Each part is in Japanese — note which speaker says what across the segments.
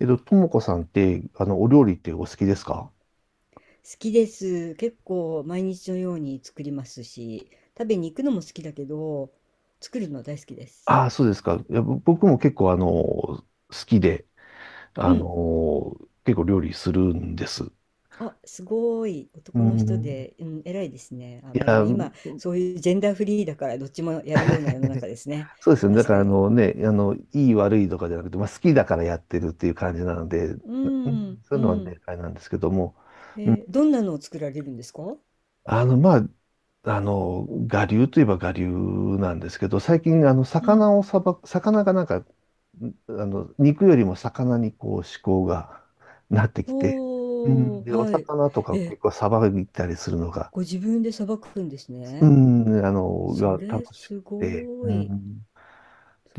Speaker 1: ともこさんって、お料理ってお好きですか？
Speaker 2: 好きです。結構毎日のように作りますし、食べに行くのも好きだけど、作るの大好きで
Speaker 1: あ
Speaker 2: す。
Speaker 1: あ、そうですか。いや、僕も結構、好きで、
Speaker 2: う
Speaker 1: あ
Speaker 2: ん。
Speaker 1: の、結構料理するんです。
Speaker 2: あ、すごい。
Speaker 1: う
Speaker 2: 男の人
Speaker 1: ん。
Speaker 2: で、うん、偉いですね。あ、
Speaker 1: い
Speaker 2: まあでも
Speaker 1: や、
Speaker 2: 今、そういうジェンダーフリーだから、どっちもやるような世の中 ですね。
Speaker 1: そうですよね。だ
Speaker 2: 確
Speaker 1: か
Speaker 2: か
Speaker 1: ら、あ
Speaker 2: に。
Speaker 1: のね、いい悪いとかじゃなくて、まあ、好きだからやってるっていう感じなので、
Speaker 2: うん、
Speaker 1: そう
Speaker 2: う
Speaker 1: いうのは
Speaker 2: ん。
Speaker 1: ね、あれなんですけども、う
Speaker 2: どんなのを作られるんですか？
Speaker 1: あの、まあ、我流といえば我流なんですけど、最近、
Speaker 2: うん。
Speaker 1: 魚をさば、魚がなんか、肉よりも魚にこう思考が なってきて、う
Speaker 2: ほ
Speaker 1: ん、で、
Speaker 2: ー、
Speaker 1: お
Speaker 2: はい。
Speaker 1: 魚とか結
Speaker 2: え、
Speaker 1: 構さばいたりするのが、
Speaker 2: ご自分でさばくんです
Speaker 1: う
Speaker 2: ね。
Speaker 1: ん、
Speaker 2: そ
Speaker 1: が
Speaker 2: れ
Speaker 1: 楽しく
Speaker 2: す
Speaker 1: て、
Speaker 2: ご
Speaker 1: う
Speaker 2: い。
Speaker 1: ん、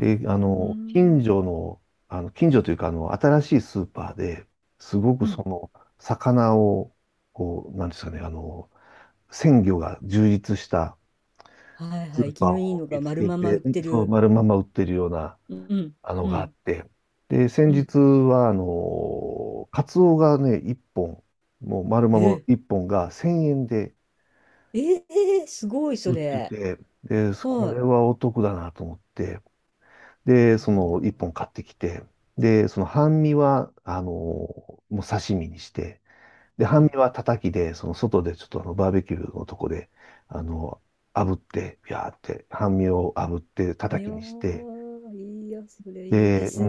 Speaker 2: うー
Speaker 1: 近
Speaker 2: ん。
Speaker 1: 所の、近所というか、新しいスーパーで、すごく
Speaker 2: うん。
Speaker 1: 魚を、こう、なんですかね、鮮魚が充実した、
Speaker 2: はい
Speaker 1: ス
Speaker 2: はい、
Speaker 1: ー
Speaker 2: 生き
Speaker 1: パー
Speaker 2: のいい
Speaker 1: を
Speaker 2: の
Speaker 1: 見
Speaker 2: が
Speaker 1: つ
Speaker 2: 丸
Speaker 1: け
Speaker 2: まま売
Speaker 1: て、
Speaker 2: って
Speaker 1: そう、
Speaker 2: る。
Speaker 1: 丸まんま売ってるような、
Speaker 2: うん、
Speaker 1: あの
Speaker 2: う
Speaker 1: があっ
Speaker 2: ん、
Speaker 1: て。で、先
Speaker 2: うん。
Speaker 1: 日は、カツオがね、1本、もう丸まんま
Speaker 2: え
Speaker 1: 1本が1000円で
Speaker 2: ええー、すごい、そ
Speaker 1: 売って
Speaker 2: れ。
Speaker 1: て、で、こ
Speaker 2: は
Speaker 1: れはお得だなと思って、で、
Speaker 2: い。
Speaker 1: そ
Speaker 2: いや
Speaker 1: の1本買ってきて、で、その半身は、もう刺身にして、で、
Speaker 2: ー、う
Speaker 1: 半
Speaker 2: ん。
Speaker 1: 身はたたきで、その外でちょっとバーベキューのとこで、あの、炙って、ビャーって、半身を炙って、たた
Speaker 2: いや
Speaker 1: きにして、
Speaker 2: ー、いいや、それいいで
Speaker 1: で、
Speaker 2: す
Speaker 1: うん、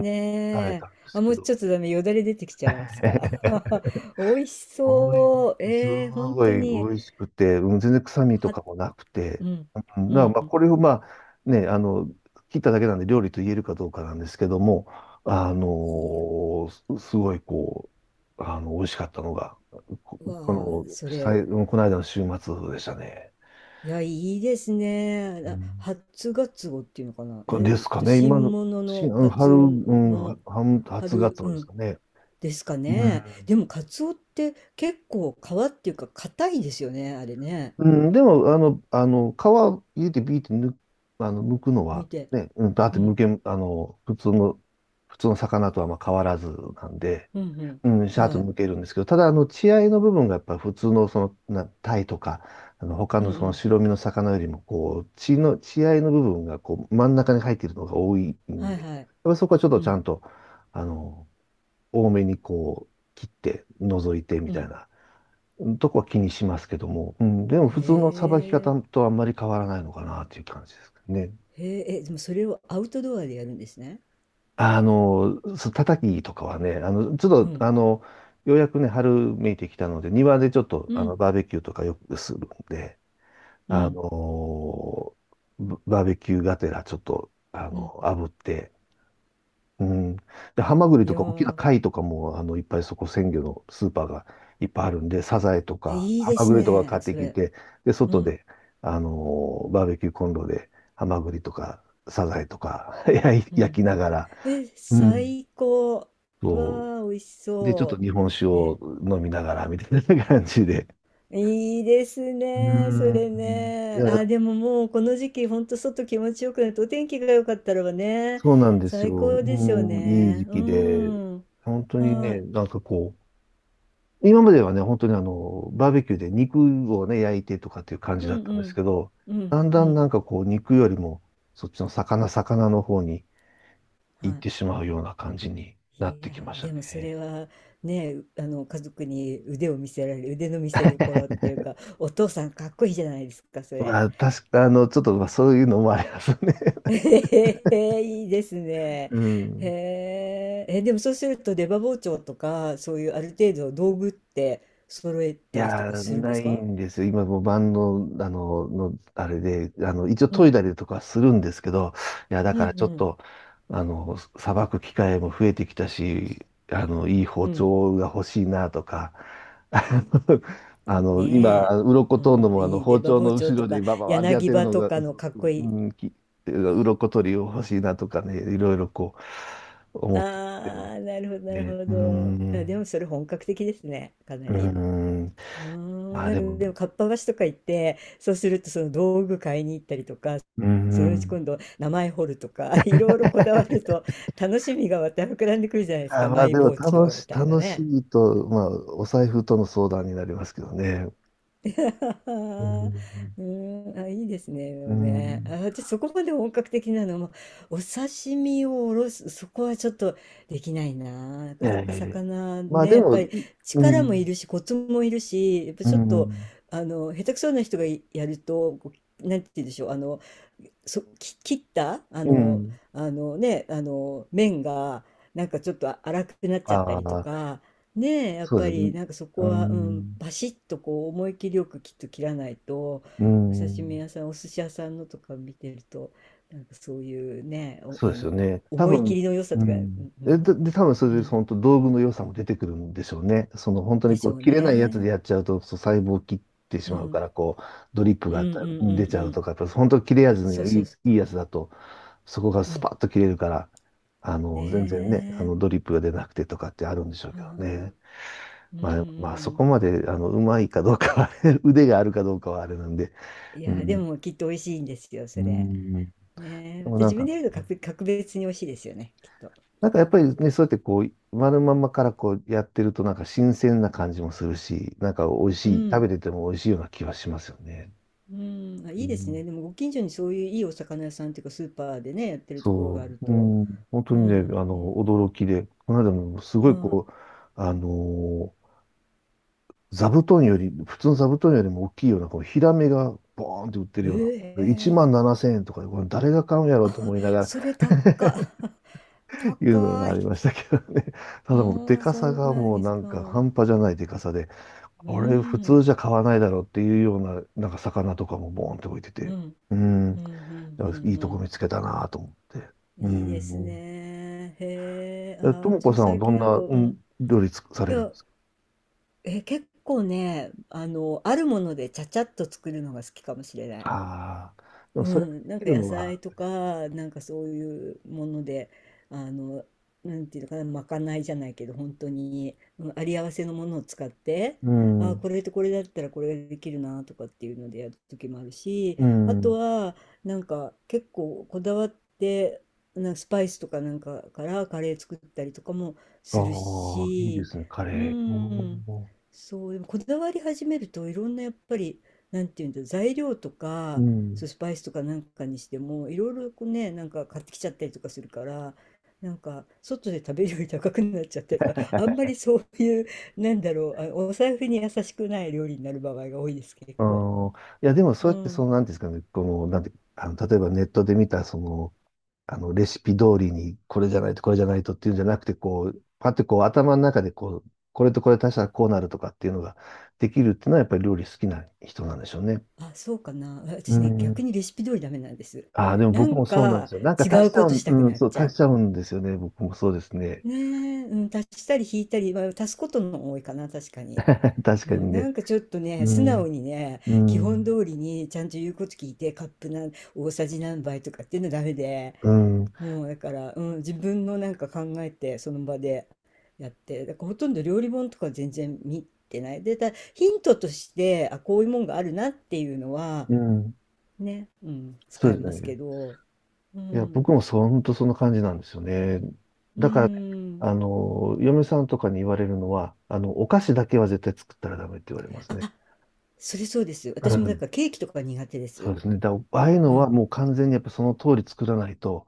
Speaker 1: 食べたんです
Speaker 2: あ、も
Speaker 1: け
Speaker 2: うちょ
Speaker 1: ど、
Speaker 2: っとダメ、よだれ出てきちゃいました。美味し
Speaker 1: おい、
Speaker 2: そう。
Speaker 1: す
Speaker 2: えー、本
Speaker 1: ご
Speaker 2: 当
Speaker 1: い美
Speaker 2: に。
Speaker 1: 味しくて、うん、全然臭みと
Speaker 2: は、
Speaker 1: かもなく
Speaker 2: う
Speaker 1: て、
Speaker 2: ん、
Speaker 1: うん
Speaker 2: う
Speaker 1: だからまあ
Speaker 2: ん。
Speaker 1: これをまあ、ね、切っただけなんで料理と言えるかどうかなんですけども、
Speaker 2: いや、
Speaker 1: すごいこう、美味しかったのが、こ、こ
Speaker 2: わあ、そ
Speaker 1: の、
Speaker 2: れ、
Speaker 1: さい、この間の週末でしたね。
Speaker 2: いや、いいですね。
Speaker 1: うん
Speaker 2: 初ガツオっていうのかな。
Speaker 1: これ
Speaker 2: え、
Speaker 1: ですかね、今
Speaker 2: 新
Speaker 1: の、
Speaker 2: 物の
Speaker 1: うん
Speaker 2: カ
Speaker 1: 春、
Speaker 2: ツ
Speaker 1: う
Speaker 2: オの、
Speaker 1: ん、
Speaker 2: の
Speaker 1: は初
Speaker 2: 春、
Speaker 1: 月ま
Speaker 2: う
Speaker 1: でです
Speaker 2: ん、
Speaker 1: かね。
Speaker 2: ですか
Speaker 1: う
Speaker 2: ね。
Speaker 1: ん
Speaker 2: でも、カツオって結構皮っていうか、硬いですよね、あれね。
Speaker 1: うん、でも、皮入れてビーって抜あの、剥くの
Speaker 2: 見
Speaker 1: は、
Speaker 2: て。
Speaker 1: ね、うん、だっ
Speaker 2: う
Speaker 1: て剥
Speaker 2: ん、
Speaker 1: け、あの、普通の、魚とはまあ変わらずなんで、
Speaker 2: うん、うん。
Speaker 1: うん、シャーッ
Speaker 2: は
Speaker 1: と
Speaker 2: い。
Speaker 1: 剥けるんですけど、ただ、血合いの部分がやっぱり普通の、その、タイとか、他
Speaker 2: うん、
Speaker 1: の
Speaker 2: う
Speaker 1: その
Speaker 2: ん。
Speaker 1: 白身の魚よりも、こう、血合いの部分が、こう、真ん中に入っているのが多い
Speaker 2: は
Speaker 1: ん
Speaker 2: い
Speaker 1: で、やっ
Speaker 2: はい。
Speaker 1: ぱりそこはちょっと
Speaker 2: う
Speaker 1: ちゃ
Speaker 2: ん、
Speaker 1: んと、あの、多めにこう、切って、除いてみ
Speaker 2: う
Speaker 1: たい
Speaker 2: ん。
Speaker 1: な。とこは気にしますけども、うん、でも
Speaker 2: へ
Speaker 1: 普通のさばき方
Speaker 2: え、
Speaker 1: とあんまり変わらないのかなっていう感じですね。
Speaker 2: へえ、え、でもそれをアウトドアでやるんですね。
Speaker 1: そう叩きとかはね、ちょ
Speaker 2: う
Speaker 1: っと、
Speaker 2: ん、
Speaker 1: ようやくね、春めいてきたので、庭でちょっと、
Speaker 2: うん、
Speaker 1: バーベキューとかよくするんで、
Speaker 2: う
Speaker 1: あ
Speaker 2: ん、
Speaker 1: の、バーベキューがてらちょっと、
Speaker 2: うん。
Speaker 1: 炙って、うん。で、ハマグリ
Speaker 2: い
Speaker 1: と
Speaker 2: や
Speaker 1: か大きな
Speaker 2: ー、
Speaker 1: 貝とかも、いっぱいそこ鮮魚のスーパーがいっぱいあるんで、サザエと
Speaker 2: え、
Speaker 1: か、
Speaker 2: いい
Speaker 1: ハ
Speaker 2: で
Speaker 1: マ
Speaker 2: す
Speaker 1: グリとか買
Speaker 2: ね、
Speaker 1: って
Speaker 2: そ
Speaker 1: き
Speaker 2: れ。
Speaker 1: て、で、
Speaker 2: う
Speaker 1: 外
Speaker 2: ん、
Speaker 1: で、あのバーベキューコンロで、ハマグリとか、サザエとか 焼い
Speaker 2: う
Speaker 1: 焼
Speaker 2: ん。
Speaker 1: きながら、
Speaker 2: え、
Speaker 1: うん。
Speaker 2: 最高。
Speaker 1: そ
Speaker 2: わあ、美味し
Speaker 1: う。で、ちょっと
Speaker 2: そ
Speaker 1: 日本酒
Speaker 2: う。え、
Speaker 1: を飲みながら、みたいな感じで。
Speaker 2: いいです
Speaker 1: う
Speaker 2: ね、それ
Speaker 1: ん。い
Speaker 2: ね。あ、
Speaker 1: や、
Speaker 2: でももうこの時期、ほんと外気持ちよくなって、お天気が良かったらばね、
Speaker 1: そうなんです
Speaker 2: 最
Speaker 1: よ。
Speaker 2: 高ですよ
Speaker 1: うん、いい
Speaker 2: ね。
Speaker 1: 時
Speaker 2: う
Speaker 1: 期で、
Speaker 2: ん。
Speaker 1: 本当に
Speaker 2: は
Speaker 1: ね、
Speaker 2: い。
Speaker 1: なんかこう、今まではね、本当にバーベキューで肉をね、焼いてとかっていう感
Speaker 2: う
Speaker 1: じだ
Speaker 2: ん
Speaker 1: った
Speaker 2: う
Speaker 1: んです
Speaker 2: ん。
Speaker 1: けど、
Speaker 2: う
Speaker 1: だ
Speaker 2: ん
Speaker 1: ん
Speaker 2: う
Speaker 1: だんな
Speaker 2: ん。
Speaker 1: んかこう、肉よりも、そっちの魚の方に
Speaker 2: は
Speaker 1: 行っ
Speaker 2: い。
Speaker 1: てしまうような感じになっ
Speaker 2: い
Speaker 1: て
Speaker 2: や
Speaker 1: きま
Speaker 2: ー、
Speaker 1: した
Speaker 2: でもそれ
Speaker 1: ね。
Speaker 2: はね、家族に腕を見せられる、腕の見せ所っていうか、お父さんかっこいいじゃないですか、それ。
Speaker 1: まあ、確か、ちょっと、まあ、そういうのもありますね。
Speaker 2: ええ、いいですね。
Speaker 1: う
Speaker 2: へ
Speaker 1: ん。
Speaker 2: え、え、でもそうすると出刃包丁とか、そういうある程度の道具って揃え
Speaker 1: い
Speaker 2: たりと
Speaker 1: や
Speaker 2: か
Speaker 1: ー、
Speaker 2: するんで
Speaker 1: な
Speaker 2: す
Speaker 1: い
Speaker 2: か？
Speaker 1: んですよ。今もうバンド、の、あれで、一応
Speaker 2: う
Speaker 1: 研い
Speaker 2: ん、
Speaker 1: だりとかするんですけど、いや、だ
Speaker 2: うん、
Speaker 1: か
Speaker 2: う
Speaker 1: らちょっ
Speaker 2: ん、
Speaker 1: と、さばく機会も増えてきたし、いい
Speaker 2: う
Speaker 1: 包
Speaker 2: ん。
Speaker 1: 丁が欲しいなとか、
Speaker 2: ね
Speaker 1: 今、鱗
Speaker 2: え。う
Speaker 1: 取るの
Speaker 2: ん、
Speaker 1: も、
Speaker 2: いい
Speaker 1: 包
Speaker 2: 出刃
Speaker 1: 丁
Speaker 2: 包
Speaker 1: の
Speaker 2: 丁
Speaker 1: 後
Speaker 2: と
Speaker 1: ろで
Speaker 2: か、
Speaker 1: バババってやっ
Speaker 2: 柳
Speaker 1: てる
Speaker 2: 刃
Speaker 1: の
Speaker 2: と
Speaker 1: が、
Speaker 2: かのかっこいい。
Speaker 1: うん、鱗取りを欲しいなとかね、いろいろこう、思ってるん
Speaker 2: ああ、なるほど、な
Speaker 1: で、
Speaker 2: る
Speaker 1: ね。
Speaker 2: ほ
Speaker 1: う
Speaker 2: ど。あ、でも
Speaker 1: ん、
Speaker 2: それ本格的ですね、かな
Speaker 1: う
Speaker 2: り。
Speaker 1: ん。
Speaker 2: うー
Speaker 1: ま
Speaker 2: ん、
Speaker 1: あ
Speaker 2: なん
Speaker 1: で
Speaker 2: か
Speaker 1: も、
Speaker 2: でもかっぱ橋とか行って、そうするとその道具買いに行ったりとか、
Speaker 1: う
Speaker 2: そのうち
Speaker 1: ん。
Speaker 2: 今度名前彫るとか いろいろこだわると楽しみがまた膨らんでくるじゃないです
Speaker 1: あ、
Speaker 2: か、
Speaker 1: ま
Speaker 2: マ
Speaker 1: あ
Speaker 2: イ
Speaker 1: でも
Speaker 2: 包
Speaker 1: 楽
Speaker 2: 丁み
Speaker 1: し、
Speaker 2: たいな
Speaker 1: 楽し
Speaker 2: ね。
Speaker 1: いと、まあお財布との相談になりますけどね。
Speaker 2: う
Speaker 1: うん。
Speaker 2: ーん、あ、いいですね。でも
Speaker 1: う
Speaker 2: ね、あ、
Speaker 1: ん。
Speaker 2: 私そこまで本格的なのも、お刺身をおろす、そこはちょっとできないな。な
Speaker 1: い
Speaker 2: かな
Speaker 1: やい
Speaker 2: か
Speaker 1: やいや。
Speaker 2: 魚
Speaker 1: まあ
Speaker 2: ね、
Speaker 1: で
Speaker 2: やっぱ
Speaker 1: も、
Speaker 2: り
Speaker 1: いう
Speaker 2: 力もい
Speaker 1: ん、
Speaker 2: るしコツもいるし、やっぱ
Speaker 1: う
Speaker 2: ちょっと、
Speaker 1: ん、
Speaker 2: あの、下手くそな人がやると、こう、なんて言うんでしょう、あのそ、き切った、
Speaker 1: うん。
Speaker 2: 麺がなんかちょっと粗くなっちゃった
Speaker 1: あ
Speaker 2: りと
Speaker 1: あ、
Speaker 2: か、ねえ、やっ
Speaker 1: そうで
Speaker 2: ぱ
Speaker 1: すね。
Speaker 2: りなんかそこ
Speaker 1: う
Speaker 2: は、うん、
Speaker 1: ん、
Speaker 2: バシッとこう思い切りよく、きっと切らないと。
Speaker 1: う
Speaker 2: お刺身
Speaker 1: ん。
Speaker 2: 屋さん、お寿司屋さんのとか見てると、なんかそういうね、お、
Speaker 1: そう
Speaker 2: あ
Speaker 1: ですよ
Speaker 2: の、
Speaker 1: ね。多
Speaker 2: 思い切
Speaker 1: 分、
Speaker 2: りの良さ
Speaker 1: う
Speaker 2: とか、うん、
Speaker 1: ん。
Speaker 2: う
Speaker 1: え
Speaker 2: ん、
Speaker 1: で、で、多分そ
Speaker 2: う
Speaker 1: れで
Speaker 2: ん、
Speaker 1: 本当道具の良さも出てくるんでしょうね。その本当
Speaker 2: で
Speaker 1: に
Speaker 2: し
Speaker 1: こ
Speaker 2: ょ
Speaker 1: う
Speaker 2: う
Speaker 1: 切れないやつで
Speaker 2: ね。
Speaker 1: やっちゃうと、そう細胞を切ってし
Speaker 2: う
Speaker 1: まうか
Speaker 2: ん、
Speaker 1: ら、こうドリップ
Speaker 2: うん、うん、う
Speaker 1: が
Speaker 2: ん、う
Speaker 1: 出ちゃう
Speaker 2: ん。
Speaker 1: とか、やっぱ本当切れ味
Speaker 2: そう
Speaker 1: の
Speaker 2: そ
Speaker 1: い
Speaker 2: う
Speaker 1: い、
Speaker 2: そ
Speaker 1: いいやつだと、そこが
Speaker 2: う。う
Speaker 1: ス
Speaker 2: ん。
Speaker 1: パッと切れるから、
Speaker 2: ね
Speaker 1: 全然ね、ドリップが出なくてとかってあるんでしょう
Speaker 2: え。
Speaker 1: け
Speaker 2: は
Speaker 1: ど
Speaker 2: あ、
Speaker 1: ね。
Speaker 2: う
Speaker 1: まあ、まあ、そこ
Speaker 2: ん。
Speaker 1: まで、うまいかどうかは 腕があるかどうかはあれなんで。
Speaker 2: い
Speaker 1: う
Speaker 2: や、で
Speaker 1: ん。
Speaker 2: もきっと美味しいんですよ、
Speaker 1: う
Speaker 2: それ。
Speaker 1: ん。で
Speaker 2: ねえ、ま
Speaker 1: も
Speaker 2: た
Speaker 1: なん
Speaker 2: 自分
Speaker 1: か、
Speaker 2: でやると、格別に美味しいですよね、きっと。
Speaker 1: なんかやっぱりね、そうやってこう、丸まんまからこうやってるとなんか新鮮な感じもするし、なんか美味
Speaker 2: う
Speaker 1: しい、食べ
Speaker 2: ん。
Speaker 1: てても美味しいような気はしますよね。
Speaker 2: うん。あ、
Speaker 1: う
Speaker 2: いいです
Speaker 1: ん、
Speaker 2: ね。でもご近所にそういういいお魚屋さんっていうかスーパーでね、やってるところが
Speaker 1: そ
Speaker 2: ある
Speaker 1: うう
Speaker 2: と。
Speaker 1: ん、本当
Speaker 2: う
Speaker 1: にね、
Speaker 2: ん。え、
Speaker 1: 驚きで、この間もすごい
Speaker 2: は
Speaker 1: こう、あのー座布団より、普通の座布団よりも大きいような、このヒラメがボーンって売ってるような、1
Speaker 2: い。ええ、
Speaker 1: 万7000円とかで、これ誰が買うんやろうと思いながら
Speaker 2: それ高っ。
Speaker 1: いうのが
Speaker 2: 高
Speaker 1: あ
Speaker 2: い。
Speaker 1: りましたけどね。ただもう、で
Speaker 2: ああ、
Speaker 1: か
Speaker 2: そ
Speaker 1: さ
Speaker 2: う
Speaker 1: が
Speaker 2: なん
Speaker 1: もう
Speaker 2: です
Speaker 1: なんか
Speaker 2: か。
Speaker 1: 半端じゃないでかさで、
Speaker 2: う
Speaker 1: あれ普通
Speaker 2: ん。
Speaker 1: じゃ買わないだろうっていうような、なんか魚とかもボーンって置いて
Speaker 2: う
Speaker 1: て、
Speaker 2: ん。
Speaker 1: うん、
Speaker 2: うん。う
Speaker 1: だ
Speaker 2: ん。うん。う
Speaker 1: からいいとこ
Speaker 2: ん、
Speaker 1: 見つけたなと思って。う
Speaker 2: いいです
Speaker 1: ん。
Speaker 2: ね。へえ。あ
Speaker 1: でと
Speaker 2: あ、
Speaker 1: も
Speaker 2: 私
Speaker 1: こ
Speaker 2: も
Speaker 1: さんは
Speaker 2: 最
Speaker 1: ど
Speaker 2: 近
Speaker 1: ん
Speaker 2: なんか、
Speaker 1: な、
Speaker 2: う
Speaker 1: うん、
Speaker 2: ん。
Speaker 1: 料理さ
Speaker 2: い
Speaker 1: れるん
Speaker 2: や、
Speaker 1: ですか？
Speaker 2: え、結構ね、あるものでちゃちゃっと作るのが好きかもしれない。
Speaker 1: ああー、でも
Speaker 2: う
Speaker 1: それが
Speaker 2: ん、なん
Speaker 1: で
Speaker 2: か
Speaker 1: きる
Speaker 2: 野
Speaker 1: のは、
Speaker 2: 菜とか、なんかそういうもので、あの、なんていうのかな、まかないじゃないけど、本当に、うん、あり合わせのものを使って、
Speaker 1: うん、
Speaker 2: これとこれだったらこれができるなとかっていうのでやる時もあるし、
Speaker 1: う
Speaker 2: あと
Speaker 1: ん。
Speaker 2: は、なんか結構こだわって、なんかスパイスとかなんかからカレー作ったりとかも
Speaker 1: ああ、
Speaker 2: する
Speaker 1: いいで
Speaker 2: し、
Speaker 1: すね、カ
Speaker 2: う
Speaker 1: レー。お
Speaker 2: ん、
Speaker 1: ー
Speaker 2: そう、でもこだわり始めるといろんなやっぱり、なんていうんだ、材料と
Speaker 1: う
Speaker 2: か、
Speaker 1: ん。
Speaker 2: そうスパイスとかなんかにしてもいろいろこうね、なんか買ってきちゃったりとかするから、なんか外で食べるより高くなっちゃったりとか、あんまりそういう、なんだろう、あ、お財布に優しくない料理になる場合が多いです、結
Speaker 1: あ
Speaker 2: 構。
Speaker 1: あ、いや、でもそ
Speaker 2: う
Speaker 1: うやって、そ
Speaker 2: ん、
Speaker 1: の、なんていうんですかね、この、なんて、例えばネットで見た、その、レシピ通りに、これじゃないと、これじゃないとっていうんじゃなくて、こう、パッてこう、頭の中でこう、これとこれ足したらこうなるとかっていうのができるっていうのは、やっぱり料理好きな人なんでしょうね。
Speaker 2: あ、そうかな、
Speaker 1: う
Speaker 2: 私ね、逆
Speaker 1: ん。
Speaker 2: にレシピ通りダメなんです。
Speaker 1: ああ、でも
Speaker 2: な
Speaker 1: 僕
Speaker 2: ん
Speaker 1: もそうなんで
Speaker 2: か
Speaker 1: すよ。なんか
Speaker 2: 違
Speaker 1: 足
Speaker 2: う
Speaker 1: しちゃ
Speaker 2: こ
Speaker 1: う
Speaker 2: とし
Speaker 1: ん、
Speaker 2: たく
Speaker 1: うん、
Speaker 2: なっ
Speaker 1: そう、
Speaker 2: ちゃ
Speaker 1: 足
Speaker 2: う。
Speaker 1: しちゃうんですよね。僕もそうですね。
Speaker 2: ねえ、うん、足したり引いたり、まあ、足すことの方が多いかな、確かに。
Speaker 1: 確
Speaker 2: う
Speaker 1: かに
Speaker 2: ん、な
Speaker 1: ね。
Speaker 2: んかちょっとね、
Speaker 1: う
Speaker 2: 素直
Speaker 1: ん、
Speaker 2: にね、
Speaker 1: う
Speaker 2: 基本
Speaker 1: ん、
Speaker 2: 通りにちゃんと言うこと聞いて、カップ大さじ何杯とかっていうのダメで、
Speaker 1: うん、
Speaker 2: もうだから、うん、自分のなんか考えて、その場でやって、だからほとんど料理本とか全然見てない。で、ただヒントとして、あ、こういうもんがあるなっていうのは、
Speaker 1: うん。
Speaker 2: ね、うん、
Speaker 1: そ
Speaker 2: 使
Speaker 1: う
Speaker 2: え
Speaker 1: です
Speaker 2: ます
Speaker 1: ね。
Speaker 2: けど、う
Speaker 1: いや、
Speaker 2: ん、
Speaker 1: 僕もそう、本当そんな感じなんですよね。
Speaker 2: う
Speaker 1: だからね、
Speaker 2: ん。
Speaker 1: 嫁さんとかに言われるのは、お菓子だけは絶対作ったらダメって言われますね。
Speaker 2: あ、それそうです。
Speaker 1: う
Speaker 2: 私もだ
Speaker 1: ん。
Speaker 2: からケーキとか苦手で
Speaker 1: そ
Speaker 2: す。
Speaker 1: うですね。ああいう
Speaker 2: う
Speaker 1: の
Speaker 2: ん、
Speaker 1: はもう完全にやっぱその通り作らないと、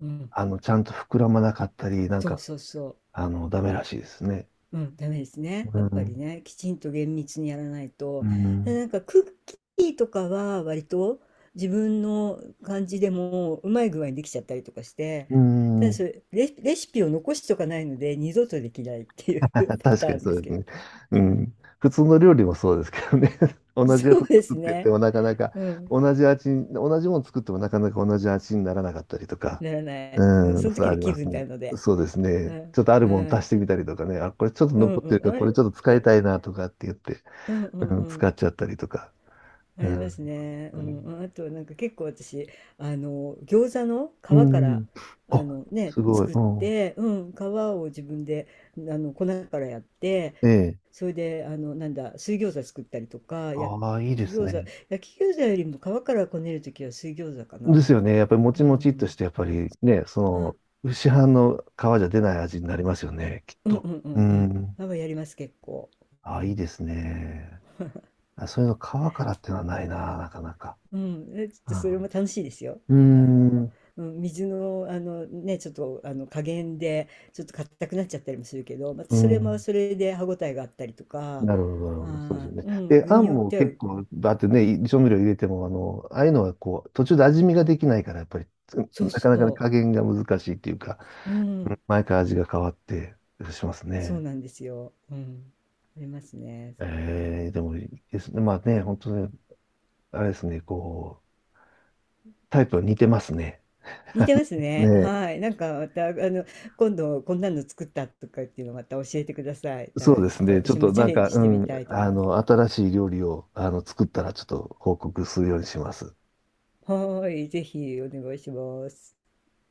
Speaker 2: うん。
Speaker 1: ちゃんと膨らまなかったり、なん
Speaker 2: そう
Speaker 1: か、
Speaker 2: そうそう。
Speaker 1: ダメらしいですね。
Speaker 2: うん、ダメですね。
Speaker 1: う
Speaker 2: やっぱり
Speaker 1: ん。
Speaker 2: ね、きちんと厳密にやらない
Speaker 1: う
Speaker 2: と。で
Speaker 1: ん。
Speaker 2: なんかクッキーとかは割と自分の感じでもうまい具合にできちゃったりとかして、
Speaker 1: う
Speaker 2: ただそ
Speaker 1: ん。
Speaker 2: れ、レシピを残しとかないので二度とできないっていう パ
Speaker 1: 確
Speaker 2: タ
Speaker 1: かに
Speaker 2: ーン
Speaker 1: そ
Speaker 2: で
Speaker 1: う
Speaker 2: す
Speaker 1: で
Speaker 2: け
Speaker 1: す
Speaker 2: ど。
Speaker 1: ね。う
Speaker 2: はい、
Speaker 1: ん。普通の料理もそうですけどね。同じや
Speaker 2: そ
Speaker 1: つ
Speaker 2: うで
Speaker 1: 作
Speaker 2: す
Speaker 1: ってて
Speaker 2: ね。
Speaker 1: もなかなか
Speaker 2: うん。
Speaker 1: 同じ味に、同じもの作ってもなかなか同じ味にならなかったりとか。
Speaker 2: ならない。うん、
Speaker 1: う
Speaker 2: そ
Speaker 1: ん、
Speaker 2: の
Speaker 1: そう
Speaker 2: 時
Speaker 1: あ
Speaker 2: の
Speaker 1: り
Speaker 2: 気
Speaker 1: ます
Speaker 2: 分
Speaker 1: ね。
Speaker 2: なので。
Speaker 1: そうですね。
Speaker 2: はい。
Speaker 1: ちょっとあるもの
Speaker 2: は
Speaker 1: 足し
Speaker 2: い。
Speaker 1: てみたりとかね。あ、これちょっと
Speaker 2: うん
Speaker 1: 残ってる
Speaker 2: うん。
Speaker 1: か
Speaker 2: あ
Speaker 1: ら、こ
Speaker 2: れ
Speaker 1: れちょっと
Speaker 2: っ
Speaker 1: 使い
Speaker 2: て。
Speaker 1: たいなとかって言って、
Speaker 2: うんうん
Speaker 1: うん、
Speaker 2: う
Speaker 1: 使
Speaker 2: ん。
Speaker 1: っちゃったりとか。
Speaker 2: あ
Speaker 1: う
Speaker 2: り
Speaker 1: ん。
Speaker 2: ま
Speaker 1: 本
Speaker 2: すね。
Speaker 1: 当
Speaker 2: う
Speaker 1: に
Speaker 2: ん。あと、なんか結構私、餃子の
Speaker 1: う
Speaker 2: 皮から、
Speaker 1: ん。
Speaker 2: あ
Speaker 1: あ、
Speaker 2: のね、
Speaker 1: すごい。
Speaker 2: 作っ
Speaker 1: うん。
Speaker 2: て、うん、皮を自分で、粉からやって、
Speaker 1: ええ。
Speaker 2: それで、なんだ、水餃子作ったりとか、焼
Speaker 1: ああ、いい
Speaker 2: き
Speaker 1: です
Speaker 2: 餃子、
Speaker 1: ね。
Speaker 2: 焼き餃子よりも皮からこねるときは水餃子か
Speaker 1: です
Speaker 2: な。
Speaker 1: よね。やっぱりも
Speaker 2: う
Speaker 1: ちもちっとし
Speaker 2: ん。
Speaker 1: て、やっぱりね、
Speaker 2: あ、
Speaker 1: その、市販の皮じゃ出ない味になりますよね、きっ
Speaker 2: うんう
Speaker 1: と。
Speaker 2: んう
Speaker 1: う
Speaker 2: んう
Speaker 1: ん。
Speaker 2: ん。皮やります、結構。う
Speaker 1: あ、いい
Speaker 2: ん
Speaker 1: ですね。あ、そういうの皮からってのはないな、なかなか。
Speaker 2: うん、え、ちょっとそ
Speaker 1: あ
Speaker 2: れも楽しいですよ。
Speaker 1: うー
Speaker 2: あの、
Speaker 1: ん。
Speaker 2: うん、水の、あのね、ちょっとあの加減でちょっと硬くなっちゃったりもするけど、また
Speaker 1: う
Speaker 2: それも
Speaker 1: ん。
Speaker 2: それで歯ごたえがあったりとか、
Speaker 1: なるほど、なるほど。そうですよね。
Speaker 2: うん、
Speaker 1: で、
Speaker 2: 具
Speaker 1: あん
Speaker 2: によっ
Speaker 1: も
Speaker 2: ては、
Speaker 1: 結構、だってね、調味料入れても、ああいうのはこう、途中で味見ができないから、やっぱり、
Speaker 2: そ
Speaker 1: な
Speaker 2: う
Speaker 1: かなかね、
Speaker 2: そ
Speaker 1: 加減が難しいっていうか、うん
Speaker 2: う、うん、
Speaker 1: 毎回味が変わってします
Speaker 2: そう
Speaker 1: ね。
Speaker 2: なんですよ。うん、ありますね。
Speaker 1: ええでもいいですね。まあね、本当にあれですね、こう、タイプ似てますね。
Speaker 2: 似てます
Speaker 1: ね
Speaker 2: ね。
Speaker 1: え。
Speaker 2: はい、なんかまた今度こんなの作ったとかっていうのまた教えてください。
Speaker 1: そうで
Speaker 2: ちょ
Speaker 1: す
Speaker 2: っと
Speaker 1: ね。ちょっ
Speaker 2: 私も
Speaker 1: と
Speaker 2: チャ
Speaker 1: なん
Speaker 2: レン
Speaker 1: か、
Speaker 2: ジ
Speaker 1: う
Speaker 2: してみ
Speaker 1: ん、
Speaker 2: たいと思います。
Speaker 1: 新しい料理を、作ったら、ちょっと報告するようにします。
Speaker 2: はーい、ぜひお願いします。